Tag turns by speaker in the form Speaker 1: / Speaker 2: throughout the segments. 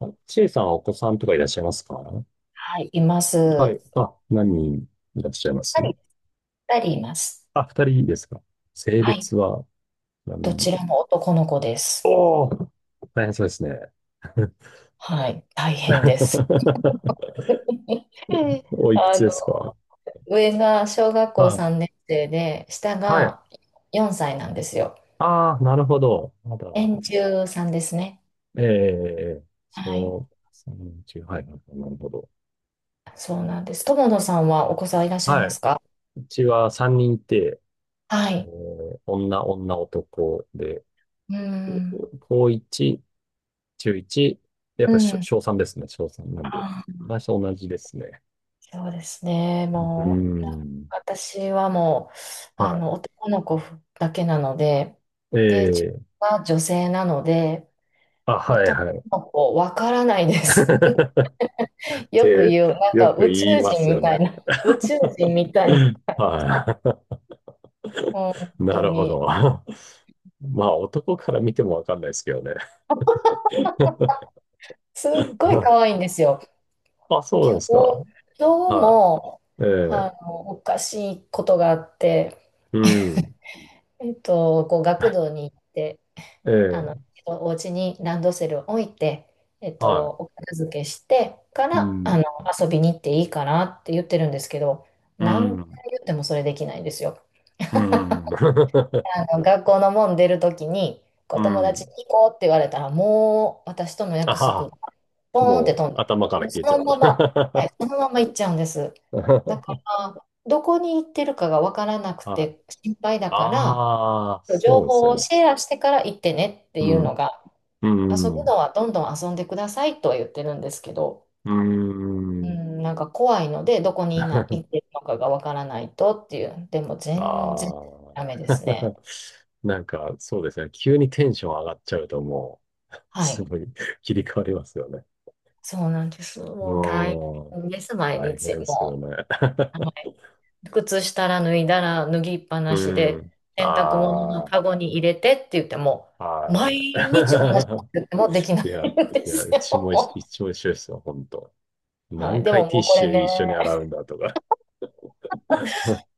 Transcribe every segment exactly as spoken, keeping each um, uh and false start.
Speaker 1: あちえさんはお子さんとかいらっしゃいますか？
Speaker 2: はい、いま
Speaker 1: はい。
Speaker 2: す。
Speaker 1: あ、何人いらっしゃいます？
Speaker 2: 二人、二人います。
Speaker 1: あ、二人ですか？性
Speaker 2: はい、
Speaker 1: 別は
Speaker 2: ど
Speaker 1: 何？
Speaker 2: ちらも男の子です。
Speaker 1: おおー、大変そうですね。
Speaker 2: はい、大変です。
Speaker 1: おいく
Speaker 2: あ
Speaker 1: つで
Speaker 2: の、
Speaker 1: すか？
Speaker 2: 上が小学校
Speaker 1: はい。
Speaker 2: さんねん生で、下
Speaker 1: はい。
Speaker 2: がよんさいなんですよ。
Speaker 1: ああ、なるほど。まだ、
Speaker 2: 年中さんですね。
Speaker 1: ええ、
Speaker 2: はい、
Speaker 1: そう、三人中、はい、なるほど。
Speaker 2: そうなんです。友野さんはお子さんいらっしゃいま
Speaker 1: は
Speaker 2: す
Speaker 1: い。
Speaker 2: か？
Speaker 1: うちは三人いて、
Speaker 2: は
Speaker 1: え
Speaker 2: い。
Speaker 1: ー女、女、男で、
Speaker 2: うん。
Speaker 1: 高一中いち、やっ
Speaker 2: う
Speaker 1: ぱり小
Speaker 2: ん。
Speaker 1: 小さんですね、小さんなんで。
Speaker 2: あ、
Speaker 1: 私と同じですね。
Speaker 2: そうですね。
Speaker 1: うー
Speaker 2: もう、
Speaker 1: ん。
Speaker 2: 私はもう、あ
Speaker 1: は
Speaker 2: の、男の子だけなので、で、自
Speaker 1: い。ええ。
Speaker 2: 分は女性なので、
Speaker 1: あ、はい
Speaker 2: 男
Speaker 1: はい。
Speaker 2: の子わからないです。
Speaker 1: っ
Speaker 2: よく
Speaker 1: て、
Speaker 2: 言う、なん
Speaker 1: よ
Speaker 2: か
Speaker 1: く
Speaker 2: 宇宙
Speaker 1: 言いま
Speaker 2: 人
Speaker 1: すよ
Speaker 2: み
Speaker 1: ね。
Speaker 2: たいな、宇宙人みたいな、
Speaker 1: は
Speaker 2: 本
Speaker 1: い。な
Speaker 2: 当
Speaker 1: るほ
Speaker 2: に、
Speaker 1: ど。まあ、男から見てもわかんないですけどね。
Speaker 2: すっごい可愛いんですよ。
Speaker 1: あ、そうなんで
Speaker 2: 今日、
Speaker 1: すか。
Speaker 2: 今日
Speaker 1: は
Speaker 2: も、
Speaker 1: い。え
Speaker 2: あ
Speaker 1: え。
Speaker 2: の、おかしいことがあって、
Speaker 1: うん。
Speaker 2: えっと、こう、学童に行って、あ
Speaker 1: え
Speaker 2: の、
Speaker 1: え。
Speaker 2: 一度お家にランドセルを置いて、えっと、
Speaker 1: は
Speaker 2: お片付けしてか
Speaker 1: い。う
Speaker 2: ら、あ
Speaker 1: ん。
Speaker 2: の、遊びに行っていいかなって言ってるんですけど、
Speaker 1: う
Speaker 2: 何回
Speaker 1: ん。
Speaker 2: 言ってもそれできないんですよ。
Speaker 1: うん。
Speaker 2: あの、学校の門出るときに、こ
Speaker 1: う
Speaker 2: う友達
Speaker 1: ん。
Speaker 2: に行こうって言われたら、もう私との
Speaker 1: あ
Speaker 2: 約
Speaker 1: は
Speaker 2: 束
Speaker 1: は、
Speaker 2: がポーンって
Speaker 1: もう
Speaker 2: 飛んで、
Speaker 1: 頭から
Speaker 2: もうそ
Speaker 1: 消えちゃう
Speaker 2: の
Speaker 1: と。
Speaker 2: まま、はい、そ のまま行っちゃうんです。だか
Speaker 1: は
Speaker 2: ら、どこに行ってるかが分から
Speaker 1: い。
Speaker 2: なく
Speaker 1: あ
Speaker 2: て心配だから、
Speaker 1: あ、
Speaker 2: 情
Speaker 1: そうです
Speaker 2: 報
Speaker 1: よ
Speaker 2: を
Speaker 1: ね。
Speaker 2: シェアしてから行ってねって
Speaker 1: う
Speaker 2: いうの
Speaker 1: ん。
Speaker 2: が、遊ぶ
Speaker 1: う
Speaker 2: の
Speaker 1: ん。
Speaker 2: はどんどん遊んでくださいとは言ってるんですけど、
Speaker 1: う
Speaker 2: う
Speaker 1: ん。うん。
Speaker 2: ん、なんか怖いので、どこにいな、行 ってるのかがわからないとっていう、でも
Speaker 1: あ
Speaker 2: 全然ダメで
Speaker 1: あ。
Speaker 2: すね。
Speaker 1: なんか、そうですね。急にテンション上がっちゃうと、もう、
Speaker 2: は
Speaker 1: す
Speaker 2: い。
Speaker 1: ごい 切り替わりますよね。
Speaker 2: そうなんです。
Speaker 1: う
Speaker 2: もう大
Speaker 1: ん。
Speaker 2: 変です、毎
Speaker 1: 大変
Speaker 2: 日。
Speaker 1: ですよ
Speaker 2: もう、
Speaker 1: ね。
Speaker 2: あの靴下ら脱いだら脱ぎっぱ
Speaker 1: う
Speaker 2: なしで、
Speaker 1: ん。
Speaker 2: 洗濯物の
Speaker 1: あ
Speaker 2: カゴに入れてって言っても、
Speaker 1: あ、
Speaker 2: 毎日同じこ
Speaker 1: は
Speaker 2: ともできな
Speaker 1: い。
Speaker 2: い
Speaker 1: いや、
Speaker 2: んで
Speaker 1: いや、
Speaker 2: す
Speaker 1: う
Speaker 2: よ。
Speaker 1: ちも一、
Speaker 2: も
Speaker 1: 一応一緒ですよ、本当。
Speaker 2: うは
Speaker 1: 何
Speaker 2: い。でも
Speaker 1: 回テ
Speaker 2: も
Speaker 1: ィッ
Speaker 2: うこ
Speaker 1: シ
Speaker 2: れ
Speaker 1: ュ
Speaker 2: ね、
Speaker 1: 一緒に洗うんだとか。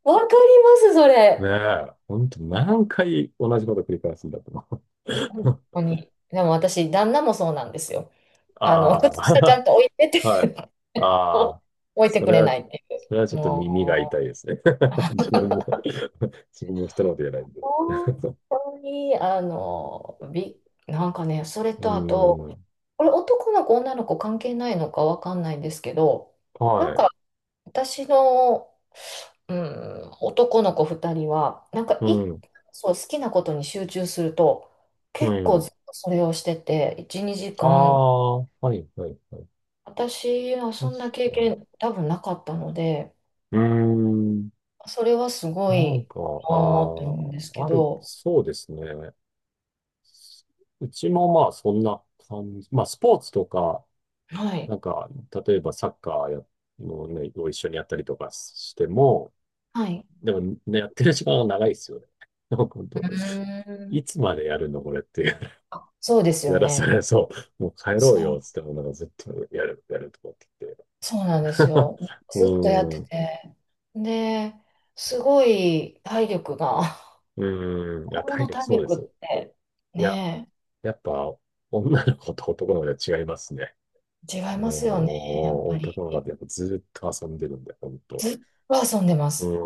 Speaker 2: わかります、そ
Speaker 1: ね
Speaker 2: れ。
Speaker 1: え、ほんと何回同じこと繰り返すんだと思
Speaker 2: 本
Speaker 1: う。
Speaker 2: 当に。でも私、旦那もそうなんですよ。あの、靴下ちゃ
Speaker 1: あ
Speaker 2: ん
Speaker 1: あ、
Speaker 2: と置いてっ て
Speaker 1: はい。ああ、
Speaker 2: 置いて
Speaker 1: そ
Speaker 2: く
Speaker 1: れ
Speaker 2: れな
Speaker 1: は、
Speaker 2: いってい
Speaker 1: それは
Speaker 2: う。
Speaker 1: ちょっと耳が痛
Speaker 2: も
Speaker 1: いですね。自分も 自分も人のこと言えない
Speaker 2: う、
Speaker 1: んで。
Speaker 2: 本 当に、あの、び、なんかね、それ
Speaker 1: うー
Speaker 2: とあと、
Speaker 1: ん、
Speaker 2: これ男の子、女の子関係ないのかわかんないんですけど、な
Speaker 1: は
Speaker 2: ん
Speaker 1: い。
Speaker 2: か私の、うん、男の子ふたりは、なんか
Speaker 1: う
Speaker 2: い
Speaker 1: ん、
Speaker 2: そう、好きなことに集中すると、
Speaker 1: う
Speaker 2: 結構
Speaker 1: ん。
Speaker 2: ずっとそれをしてて、いち、にじ
Speaker 1: ああ、はい、はい、はい。
Speaker 2: 私は
Speaker 1: 確
Speaker 2: そんな経
Speaker 1: かに。
Speaker 2: 験多分なかったので、
Speaker 1: うーん、
Speaker 2: それはす
Speaker 1: な
Speaker 2: ご
Speaker 1: ん
Speaker 2: い
Speaker 1: か、
Speaker 2: おーって
Speaker 1: あ
Speaker 2: 思うんです
Speaker 1: あ、
Speaker 2: け
Speaker 1: ある、
Speaker 2: ど、
Speaker 1: そうですね。うちもまあそんな感じ。まあスポーツとか、
Speaker 2: はい、
Speaker 1: なんか、例えばサッカーや、もうね、を一緒にやったりとかしても、
Speaker 2: はい。
Speaker 1: でもね、やってる時間が長いですよね。本
Speaker 2: う
Speaker 1: 当、
Speaker 2: ーん。
Speaker 1: いつまでやるのこれっていう。
Speaker 2: あ、そうです
Speaker 1: や
Speaker 2: よ
Speaker 1: らさ
Speaker 2: ね。
Speaker 1: れそう。もう帰ろ
Speaker 2: そ
Speaker 1: う
Speaker 2: う、
Speaker 1: よ、つっても、なんかずっとやる、やるとかって言って。
Speaker 2: そうなんですよ。
Speaker 1: う
Speaker 2: ずっとやっ
Speaker 1: ー
Speaker 2: て
Speaker 1: ん、
Speaker 2: て。で、すごい体力が、
Speaker 1: うーん。い
Speaker 2: 子
Speaker 1: や、
Speaker 2: 供
Speaker 1: 体
Speaker 2: の
Speaker 1: 力
Speaker 2: 体
Speaker 1: そうで
Speaker 2: 力
Speaker 1: す。
Speaker 2: って
Speaker 1: いや、
Speaker 2: ね
Speaker 1: やっぱ、女の子と男の子では違いますね。
Speaker 2: え、違いますよね、や
Speaker 1: も
Speaker 2: っ
Speaker 1: う、
Speaker 2: ぱり。
Speaker 1: 男の子ってやっぱずっと遊んでるんで、本当。
Speaker 2: ずっと遊んでま
Speaker 1: う
Speaker 2: す。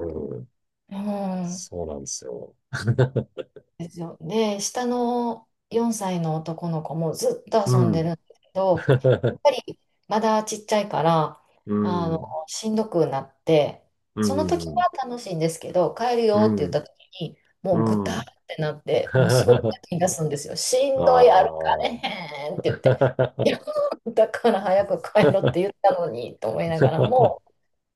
Speaker 1: ーん、
Speaker 2: うん。
Speaker 1: そうなんですよ。
Speaker 2: ですよ。で、下のよんさいの男の子もずっと
Speaker 1: う
Speaker 2: 遊んでる
Speaker 1: ん。
Speaker 2: んですけど、やっぱ りまだちっちゃいから、
Speaker 1: う
Speaker 2: あの、
Speaker 1: ん、
Speaker 2: しんどくなって、
Speaker 1: う
Speaker 2: その時
Speaker 1: ん、
Speaker 2: は楽しいんですけど、帰る
Speaker 1: う
Speaker 2: よって言っ
Speaker 1: ん、
Speaker 2: た時に、もうぐ
Speaker 1: う
Speaker 2: たーっ
Speaker 1: ん。
Speaker 2: てなって、もうすごく 泣き出すんですよ。しんどい、歩かれ
Speaker 1: あ
Speaker 2: へ
Speaker 1: あ。
Speaker 2: んって言って、いや、だから早く帰ろって言ったのにと思いながらも、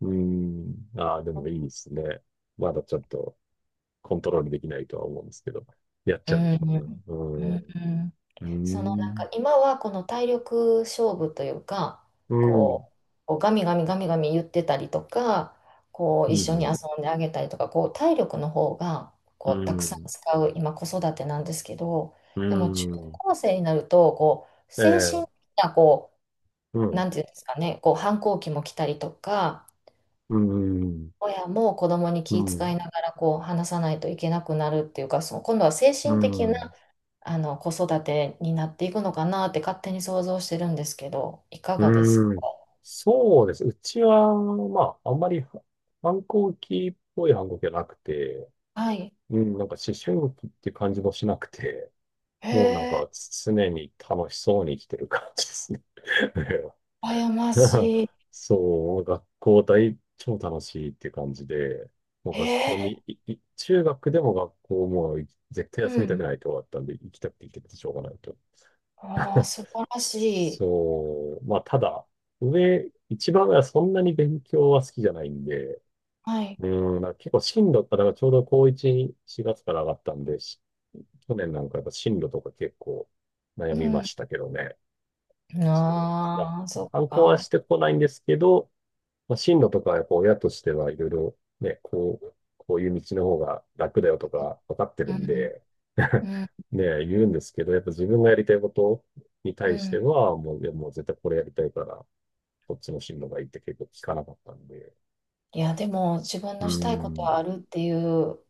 Speaker 1: うん。ああ、でもいいですね。まだちょっとコントロールできないとは思うんですけど、やっ
Speaker 2: う
Speaker 1: ちゃうんでし
Speaker 2: ん、
Speaker 1: ょ
Speaker 2: う
Speaker 1: うね。
Speaker 2: ん、うん。
Speaker 1: うん。う
Speaker 2: そのなん
Speaker 1: ん。
Speaker 2: か今はこの体力勝負というか
Speaker 1: うん。
Speaker 2: こう、こうガミガミガミガミ言ってたりとか、こ
Speaker 1: う
Speaker 2: う一緒に遊
Speaker 1: ん。
Speaker 2: んであげたりとか、こう体力の方が
Speaker 1: う
Speaker 2: こうたくさん
Speaker 1: ん。
Speaker 2: 使う今子育てなんですけど、
Speaker 1: う
Speaker 2: でも中
Speaker 1: ん。
Speaker 2: 高生になるとこう
Speaker 1: え
Speaker 2: 精
Speaker 1: え。
Speaker 2: 神的な、こ
Speaker 1: う
Speaker 2: うな
Speaker 1: ん。
Speaker 2: んていうんですかね、こう反抗期も来たりとか、
Speaker 1: うん。
Speaker 2: 親も子供に
Speaker 1: う
Speaker 2: 気遣
Speaker 1: ん。
Speaker 2: いながらこう話さないといけなくなるっていうか、その今度は精
Speaker 1: う
Speaker 2: 神的な
Speaker 1: ん。
Speaker 2: あの、子育てになっていくのかなって勝手に想像してるんですけど、いかがですか？
Speaker 1: うん。そうです。うちは、まあ、あんまり反抗期っぽい反抗期はなくて、
Speaker 2: はい。
Speaker 1: うん、なんか思春期って感じもしなくて、
Speaker 2: へ
Speaker 1: もうなんか
Speaker 2: え、
Speaker 1: 常に楽しそうに生きてる感じですね。
Speaker 2: 羨ましい。
Speaker 1: そう、学校大、超楽しいって感じで、もう
Speaker 2: へ
Speaker 1: 学校
Speaker 2: え、
Speaker 1: に、いい中学でも学校もう絶対休
Speaker 2: う
Speaker 1: みたく
Speaker 2: ん。
Speaker 1: ないと終わったんで、行きたくて行きたくてしょうがないと。
Speaker 2: ああ、素晴らしい。
Speaker 1: そう、まあただ、上、一番上はそんなに勉強は好きじゃないんで、
Speaker 2: はい。
Speaker 1: うん、なんか結構進路ったらちょうど高いち、しがつから上がったんで、し去年なんかやっぱ進路とか結構悩
Speaker 2: う
Speaker 1: みま
Speaker 2: ん。
Speaker 1: したけどね。そうだ。
Speaker 2: ああ、そっ
Speaker 1: 反抗は
Speaker 2: か。
Speaker 1: してこないんですけど、まあ、進路とかやっぱ親としてはいろいろね、こう、こういう道の方が楽だよとか分かってる
Speaker 2: う
Speaker 1: ん
Speaker 2: ん、
Speaker 1: で
Speaker 2: うん、
Speaker 1: ね、言うんですけど、やっぱ自分がやりたいことに
Speaker 2: う
Speaker 1: 対し
Speaker 2: ん。
Speaker 1: ては、もう、いやもう絶対これやりたいから、こっちの進路がいいって結構聞かなかったんで。
Speaker 2: いや、でも、自分
Speaker 1: うー
Speaker 2: のしたいことはあ
Speaker 1: ん。
Speaker 2: るっていう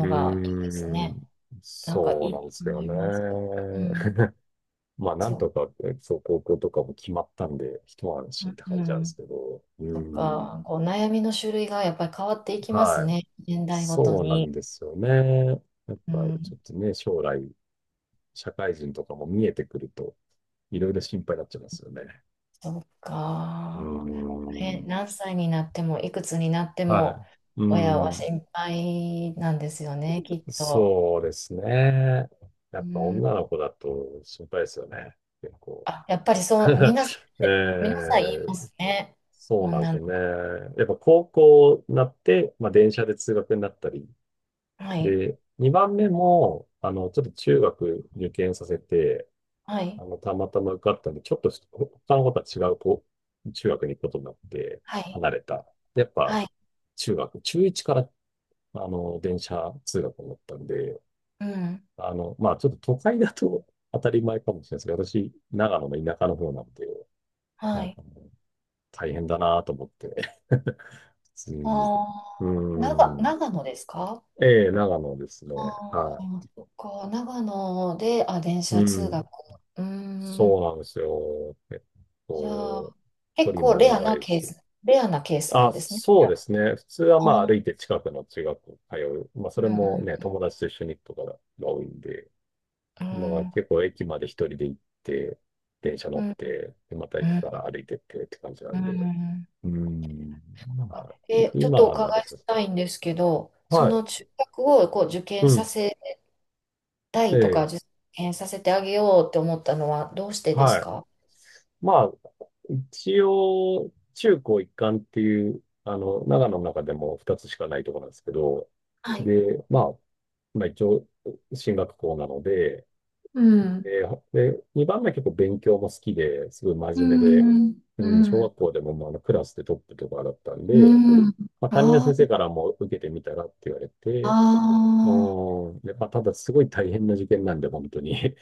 Speaker 1: う
Speaker 2: がいいです
Speaker 1: ー
Speaker 2: ね。
Speaker 1: ん、
Speaker 2: なんか
Speaker 1: そ
Speaker 2: い
Speaker 1: う
Speaker 2: い
Speaker 1: なん
Speaker 2: と
Speaker 1: です
Speaker 2: 思
Speaker 1: よ
Speaker 2: い
Speaker 1: ね。
Speaker 2: ます。うん。
Speaker 1: まあ、なん
Speaker 2: そ
Speaker 1: とかね、そう、高校とかも決まったんで、一安
Speaker 2: う。
Speaker 1: 心って感
Speaker 2: う
Speaker 1: じなんです
Speaker 2: ん。
Speaker 1: けど、うー
Speaker 2: と
Speaker 1: ん、
Speaker 2: か、こう悩みの種類がやっぱり変わっていきます
Speaker 1: はい。
Speaker 2: ね。年代ごと
Speaker 1: そうなん
Speaker 2: に。
Speaker 1: ですよね。やっ
Speaker 2: う
Speaker 1: ぱ、ち
Speaker 2: ん、
Speaker 1: ょっとね、将来、社会人とかも見えてくると、いろいろ心配になっちゃいますよね。
Speaker 2: そう
Speaker 1: うー
Speaker 2: か。ね、
Speaker 1: ん、
Speaker 2: 何歳になっても、いくつになって
Speaker 1: は
Speaker 2: も、
Speaker 1: い。うー
Speaker 2: 親は
Speaker 1: ん、
Speaker 2: 心配なんですよね、きっと。
Speaker 1: そうですね。や
Speaker 2: う
Speaker 1: っぱ
Speaker 2: ん、
Speaker 1: 女の子だと心配ですよね。結構。
Speaker 2: あ、やっぱりそう、皆さん、
Speaker 1: え
Speaker 2: 皆さん言い
Speaker 1: え、
Speaker 2: ますね。
Speaker 1: そうなんで
Speaker 2: 女
Speaker 1: す
Speaker 2: の
Speaker 1: よね。
Speaker 2: 子。
Speaker 1: やっぱ高校になって、まあ、電車で通学になったり。
Speaker 2: はい、
Speaker 1: で、にばんめも、あの、ちょっと中学受験させて、
Speaker 2: はい、
Speaker 1: あの、たまたま受かったんで、ちょっとし他の子とは違うこう中学に行くことになって、
Speaker 2: はい、
Speaker 1: 離れた。でやっぱ、
Speaker 2: はい、
Speaker 1: 中学、中いちから、あの、電車通学になったんで、
Speaker 2: うん、
Speaker 1: あの、まあ、ちょっと都会だと 当たり前かもしれないですけど、私、長野の田舎の方なんで、
Speaker 2: は
Speaker 1: なん
Speaker 2: い。
Speaker 1: かもう、大変だなと思って。普通に。
Speaker 2: あ
Speaker 1: う
Speaker 2: あ、長、
Speaker 1: ん。
Speaker 2: 長野ですか？
Speaker 1: ええ、長野ですね。
Speaker 2: あ
Speaker 1: は
Speaker 2: あ、そっか、長野で、あ、電
Speaker 1: い。
Speaker 2: 車
Speaker 1: う
Speaker 2: 通学。
Speaker 1: ん。
Speaker 2: うー
Speaker 1: そう
Speaker 2: ん。
Speaker 1: なんですよ。えっ
Speaker 2: じゃあ、
Speaker 1: と、距
Speaker 2: 結
Speaker 1: 離
Speaker 2: 構
Speaker 1: も
Speaker 2: レア
Speaker 1: 長
Speaker 2: な
Speaker 1: い
Speaker 2: ケー
Speaker 1: し。
Speaker 2: ス、レアなケースな
Speaker 1: あ、
Speaker 2: んですね。
Speaker 1: そ
Speaker 2: じ
Speaker 1: う
Speaker 2: ゃ
Speaker 1: ですね。普通は
Speaker 2: あ、
Speaker 1: まあ
Speaker 2: うん、
Speaker 1: 歩いて近くの中学校通う。まあそれ
Speaker 2: う
Speaker 1: もね、
Speaker 2: ん、
Speaker 1: 友達と一緒に行くとかが多いんで、
Speaker 2: う
Speaker 1: のが
Speaker 2: ん、
Speaker 1: 結構駅まで一人で行って、電車
Speaker 2: う
Speaker 1: 乗っ
Speaker 2: ん、
Speaker 1: て、でまた
Speaker 2: う
Speaker 1: 駅
Speaker 2: ん。
Speaker 1: から歩いてってって感じな
Speaker 2: う
Speaker 1: んで。
Speaker 2: ん
Speaker 1: うん。ま
Speaker 2: あ
Speaker 1: あ、い
Speaker 2: え、ちょっとお
Speaker 1: 今な
Speaker 2: 伺
Speaker 1: る
Speaker 2: い
Speaker 1: と、
Speaker 2: したいんですけど、そ
Speaker 1: は
Speaker 2: の
Speaker 1: い。
Speaker 2: 中学をこう受
Speaker 1: う
Speaker 2: 験さ
Speaker 1: ん。
Speaker 2: せた
Speaker 1: え
Speaker 2: いとか、
Speaker 1: え。
Speaker 2: 受験させてあげようって思ったのはどうしてです
Speaker 1: はい。
Speaker 2: か？
Speaker 1: まあ、一応、中高一貫っていう、あの、長野の中でもふたつしかないところなんですけど、
Speaker 2: はい。
Speaker 1: で、まあ、まあ一応、進学校なので、
Speaker 2: うん。
Speaker 1: で、で、にばんめは結構勉強も好きで、すごい
Speaker 2: う
Speaker 1: 真面目で、
Speaker 2: ん。う
Speaker 1: うん、小
Speaker 2: ん。
Speaker 1: 学校でもまああのクラスでトップとかだったんで、
Speaker 2: うん。
Speaker 1: まあ担任の
Speaker 2: あ、
Speaker 1: 先生からも受けてみたらって言われて、うん、で、まあただすごい大変な受験なんで、本当に。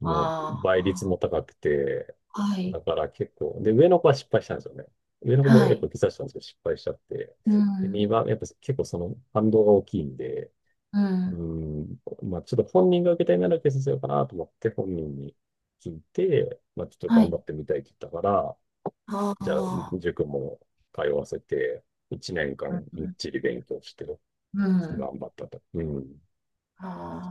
Speaker 1: もう倍率も高くて、
Speaker 2: はい。
Speaker 1: だから結構、で、上の子は失敗したんですよね。上の子も
Speaker 2: は
Speaker 1: やっぱ
Speaker 2: い。
Speaker 1: 受けさたんですよ、失敗しちゃって。
Speaker 2: う
Speaker 1: で、
Speaker 2: ん。
Speaker 1: にばん、やっぱ結構その反動が大きいんで、
Speaker 2: う
Speaker 1: うー
Speaker 2: ん。
Speaker 1: ん、まあちょっと本人が受けたいなら受けさせようかなと思って本人に聞いて、まあちょっと
Speaker 2: は
Speaker 1: 頑
Speaker 2: い。
Speaker 1: 張ってみたいって言ったから、
Speaker 2: あ
Speaker 1: じゃあ
Speaker 2: あ、
Speaker 1: 塾も通わせて、1年
Speaker 2: う
Speaker 1: 間みっ
Speaker 2: ん。
Speaker 1: ちり勉強して、ちょっ
Speaker 2: う
Speaker 1: と
Speaker 2: ん、
Speaker 1: 頑張ったと。うん。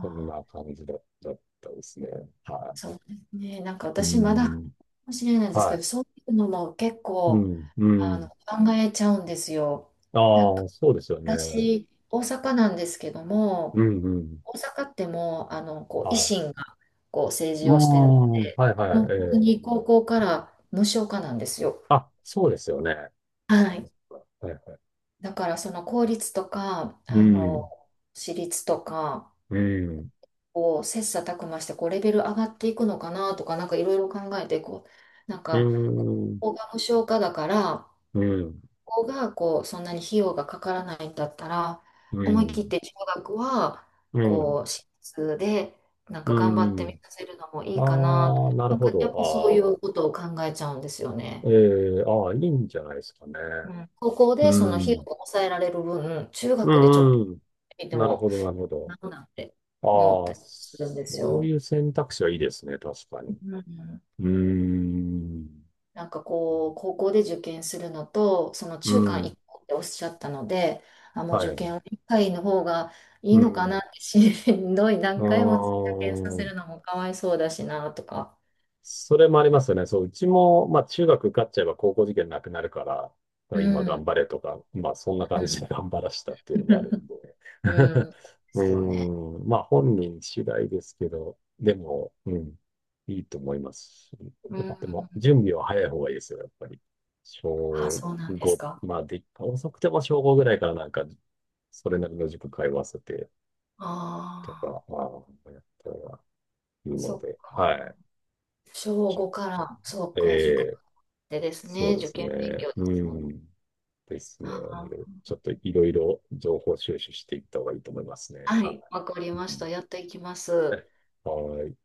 Speaker 1: そん
Speaker 2: あ、
Speaker 1: な感じだ、だったですね。は
Speaker 2: そうですね。なんか
Speaker 1: い。うー
Speaker 2: 私まだか
Speaker 1: ん。
Speaker 2: もしれないんです
Speaker 1: は
Speaker 2: けど、
Speaker 1: い。
Speaker 2: そういうのも結
Speaker 1: う
Speaker 2: 構
Speaker 1: ん、う
Speaker 2: あの
Speaker 1: ん。
Speaker 2: 考えちゃうんですよ。なん
Speaker 1: あ
Speaker 2: か
Speaker 1: あ、そうですよね。
Speaker 2: 私、大阪なんですけど
Speaker 1: う
Speaker 2: も、
Speaker 1: ん、うん。
Speaker 2: 大阪ってもう、あの、こう維
Speaker 1: はい。
Speaker 2: 新がこう政
Speaker 1: ああ、
Speaker 2: 治をしてる、
Speaker 1: はい、はい、
Speaker 2: もう
Speaker 1: え
Speaker 2: 本当に
Speaker 1: え。
Speaker 2: 高校から無償化なんですよ。
Speaker 1: あ、そうですよね。そっ
Speaker 2: は
Speaker 1: か
Speaker 2: い。
Speaker 1: そっか、はい、はい。
Speaker 2: だからその公立とか、
Speaker 1: う
Speaker 2: あの、
Speaker 1: ん、
Speaker 2: 私立とか、
Speaker 1: うん、
Speaker 2: こう、切磋琢磨して、こう、レベル上がっていくのかなとか、なんかいろいろ考えて、こう、なん
Speaker 1: う
Speaker 2: か、
Speaker 1: ん、
Speaker 2: ここが無償化だから、
Speaker 1: うん、
Speaker 2: ここが、こう、そんなに費用がかからないんだったら、
Speaker 1: う
Speaker 2: 思い切っ
Speaker 1: ん、
Speaker 2: て中学は、
Speaker 1: うん、
Speaker 2: こう、私立で、なん
Speaker 1: う
Speaker 2: か頑張ってみ
Speaker 1: ん。
Speaker 2: させるのもいいかな、
Speaker 1: ああ、なる
Speaker 2: なん
Speaker 1: ほ
Speaker 2: か、やっぱそういう
Speaker 1: ど。
Speaker 2: ことを考えちゃうんですよ
Speaker 1: ああ、
Speaker 2: ね。
Speaker 1: ええ、ああ、いいんじゃないですかね。
Speaker 2: うん、高校
Speaker 1: う
Speaker 2: でその費用を
Speaker 1: ん、
Speaker 2: 抑えられる分、中
Speaker 1: う
Speaker 2: 学でちょっと
Speaker 1: ん、うん。
Speaker 2: で
Speaker 1: なる
Speaker 2: も、
Speaker 1: ほど、なるほ
Speaker 2: な
Speaker 1: ど。
Speaker 2: んなんて思っ
Speaker 1: あ
Speaker 2: た
Speaker 1: あ、
Speaker 2: りするんです
Speaker 1: そう
Speaker 2: よ。
Speaker 1: いう選択肢はいいですね、確かに。
Speaker 2: うん、
Speaker 1: うーん。
Speaker 2: なんかこう、高校で受験するのと、その
Speaker 1: う
Speaker 2: 中間
Speaker 1: ん。
Speaker 2: 一個っておっしゃったので、あ、もう
Speaker 1: は
Speaker 2: 受
Speaker 1: い。
Speaker 2: 験は一回の方がいい
Speaker 1: う
Speaker 2: のか
Speaker 1: ん。
Speaker 2: なっ
Speaker 1: う
Speaker 2: て、ししんどい
Speaker 1: ー
Speaker 2: 何回も受験させ
Speaker 1: ん。
Speaker 2: るのもかわいそうだしなとか。
Speaker 1: それもありますよね。そう、うちも、まあ、中学受かっちゃえば高校受験なくなるから、まあ
Speaker 2: う
Speaker 1: 今
Speaker 2: ん。
Speaker 1: 頑張れとか、まあ、そんな感じで
Speaker 2: う
Speaker 1: 頑張らしたって
Speaker 2: ん。
Speaker 1: いうのもあるん で。
Speaker 2: うん。で
Speaker 1: うー
Speaker 2: すよね。
Speaker 1: ん。まあ、本人次第ですけど、でも、うん。いいと思いますし。
Speaker 2: う
Speaker 1: やっぱ、でも、
Speaker 2: ん。
Speaker 1: 準備は早い方がいいですよ、やっぱり。
Speaker 2: あ、
Speaker 1: 小
Speaker 2: そうなんです
Speaker 1: ご、
Speaker 2: か。
Speaker 1: まあ、で、遅くても小ごぐらいからなんか、それなりの塾通わせて、と
Speaker 2: ああ、
Speaker 1: か、ああ、やったらいいの
Speaker 2: そっ
Speaker 1: で、は
Speaker 2: か。
Speaker 1: い。
Speaker 2: 小
Speaker 1: ちょっ
Speaker 2: ごか
Speaker 1: と、
Speaker 2: ら、そう
Speaker 1: え
Speaker 2: か、塾ま
Speaker 1: え、
Speaker 2: でです
Speaker 1: そ
Speaker 2: ね、
Speaker 1: うで
Speaker 2: 受
Speaker 1: す
Speaker 2: 験勉
Speaker 1: ね。
Speaker 2: 強で
Speaker 1: う
Speaker 2: すもんね。
Speaker 1: ん。ですね。なので、
Speaker 2: あ
Speaker 1: ちょっといろいろ情報収集していった方がいいと思いますね。
Speaker 2: あ、は
Speaker 1: は
Speaker 2: い、わかり
Speaker 1: い。
Speaker 2: ま
Speaker 1: う
Speaker 2: し
Speaker 1: ん、
Speaker 2: た。やっていきます。
Speaker 1: ね、はい。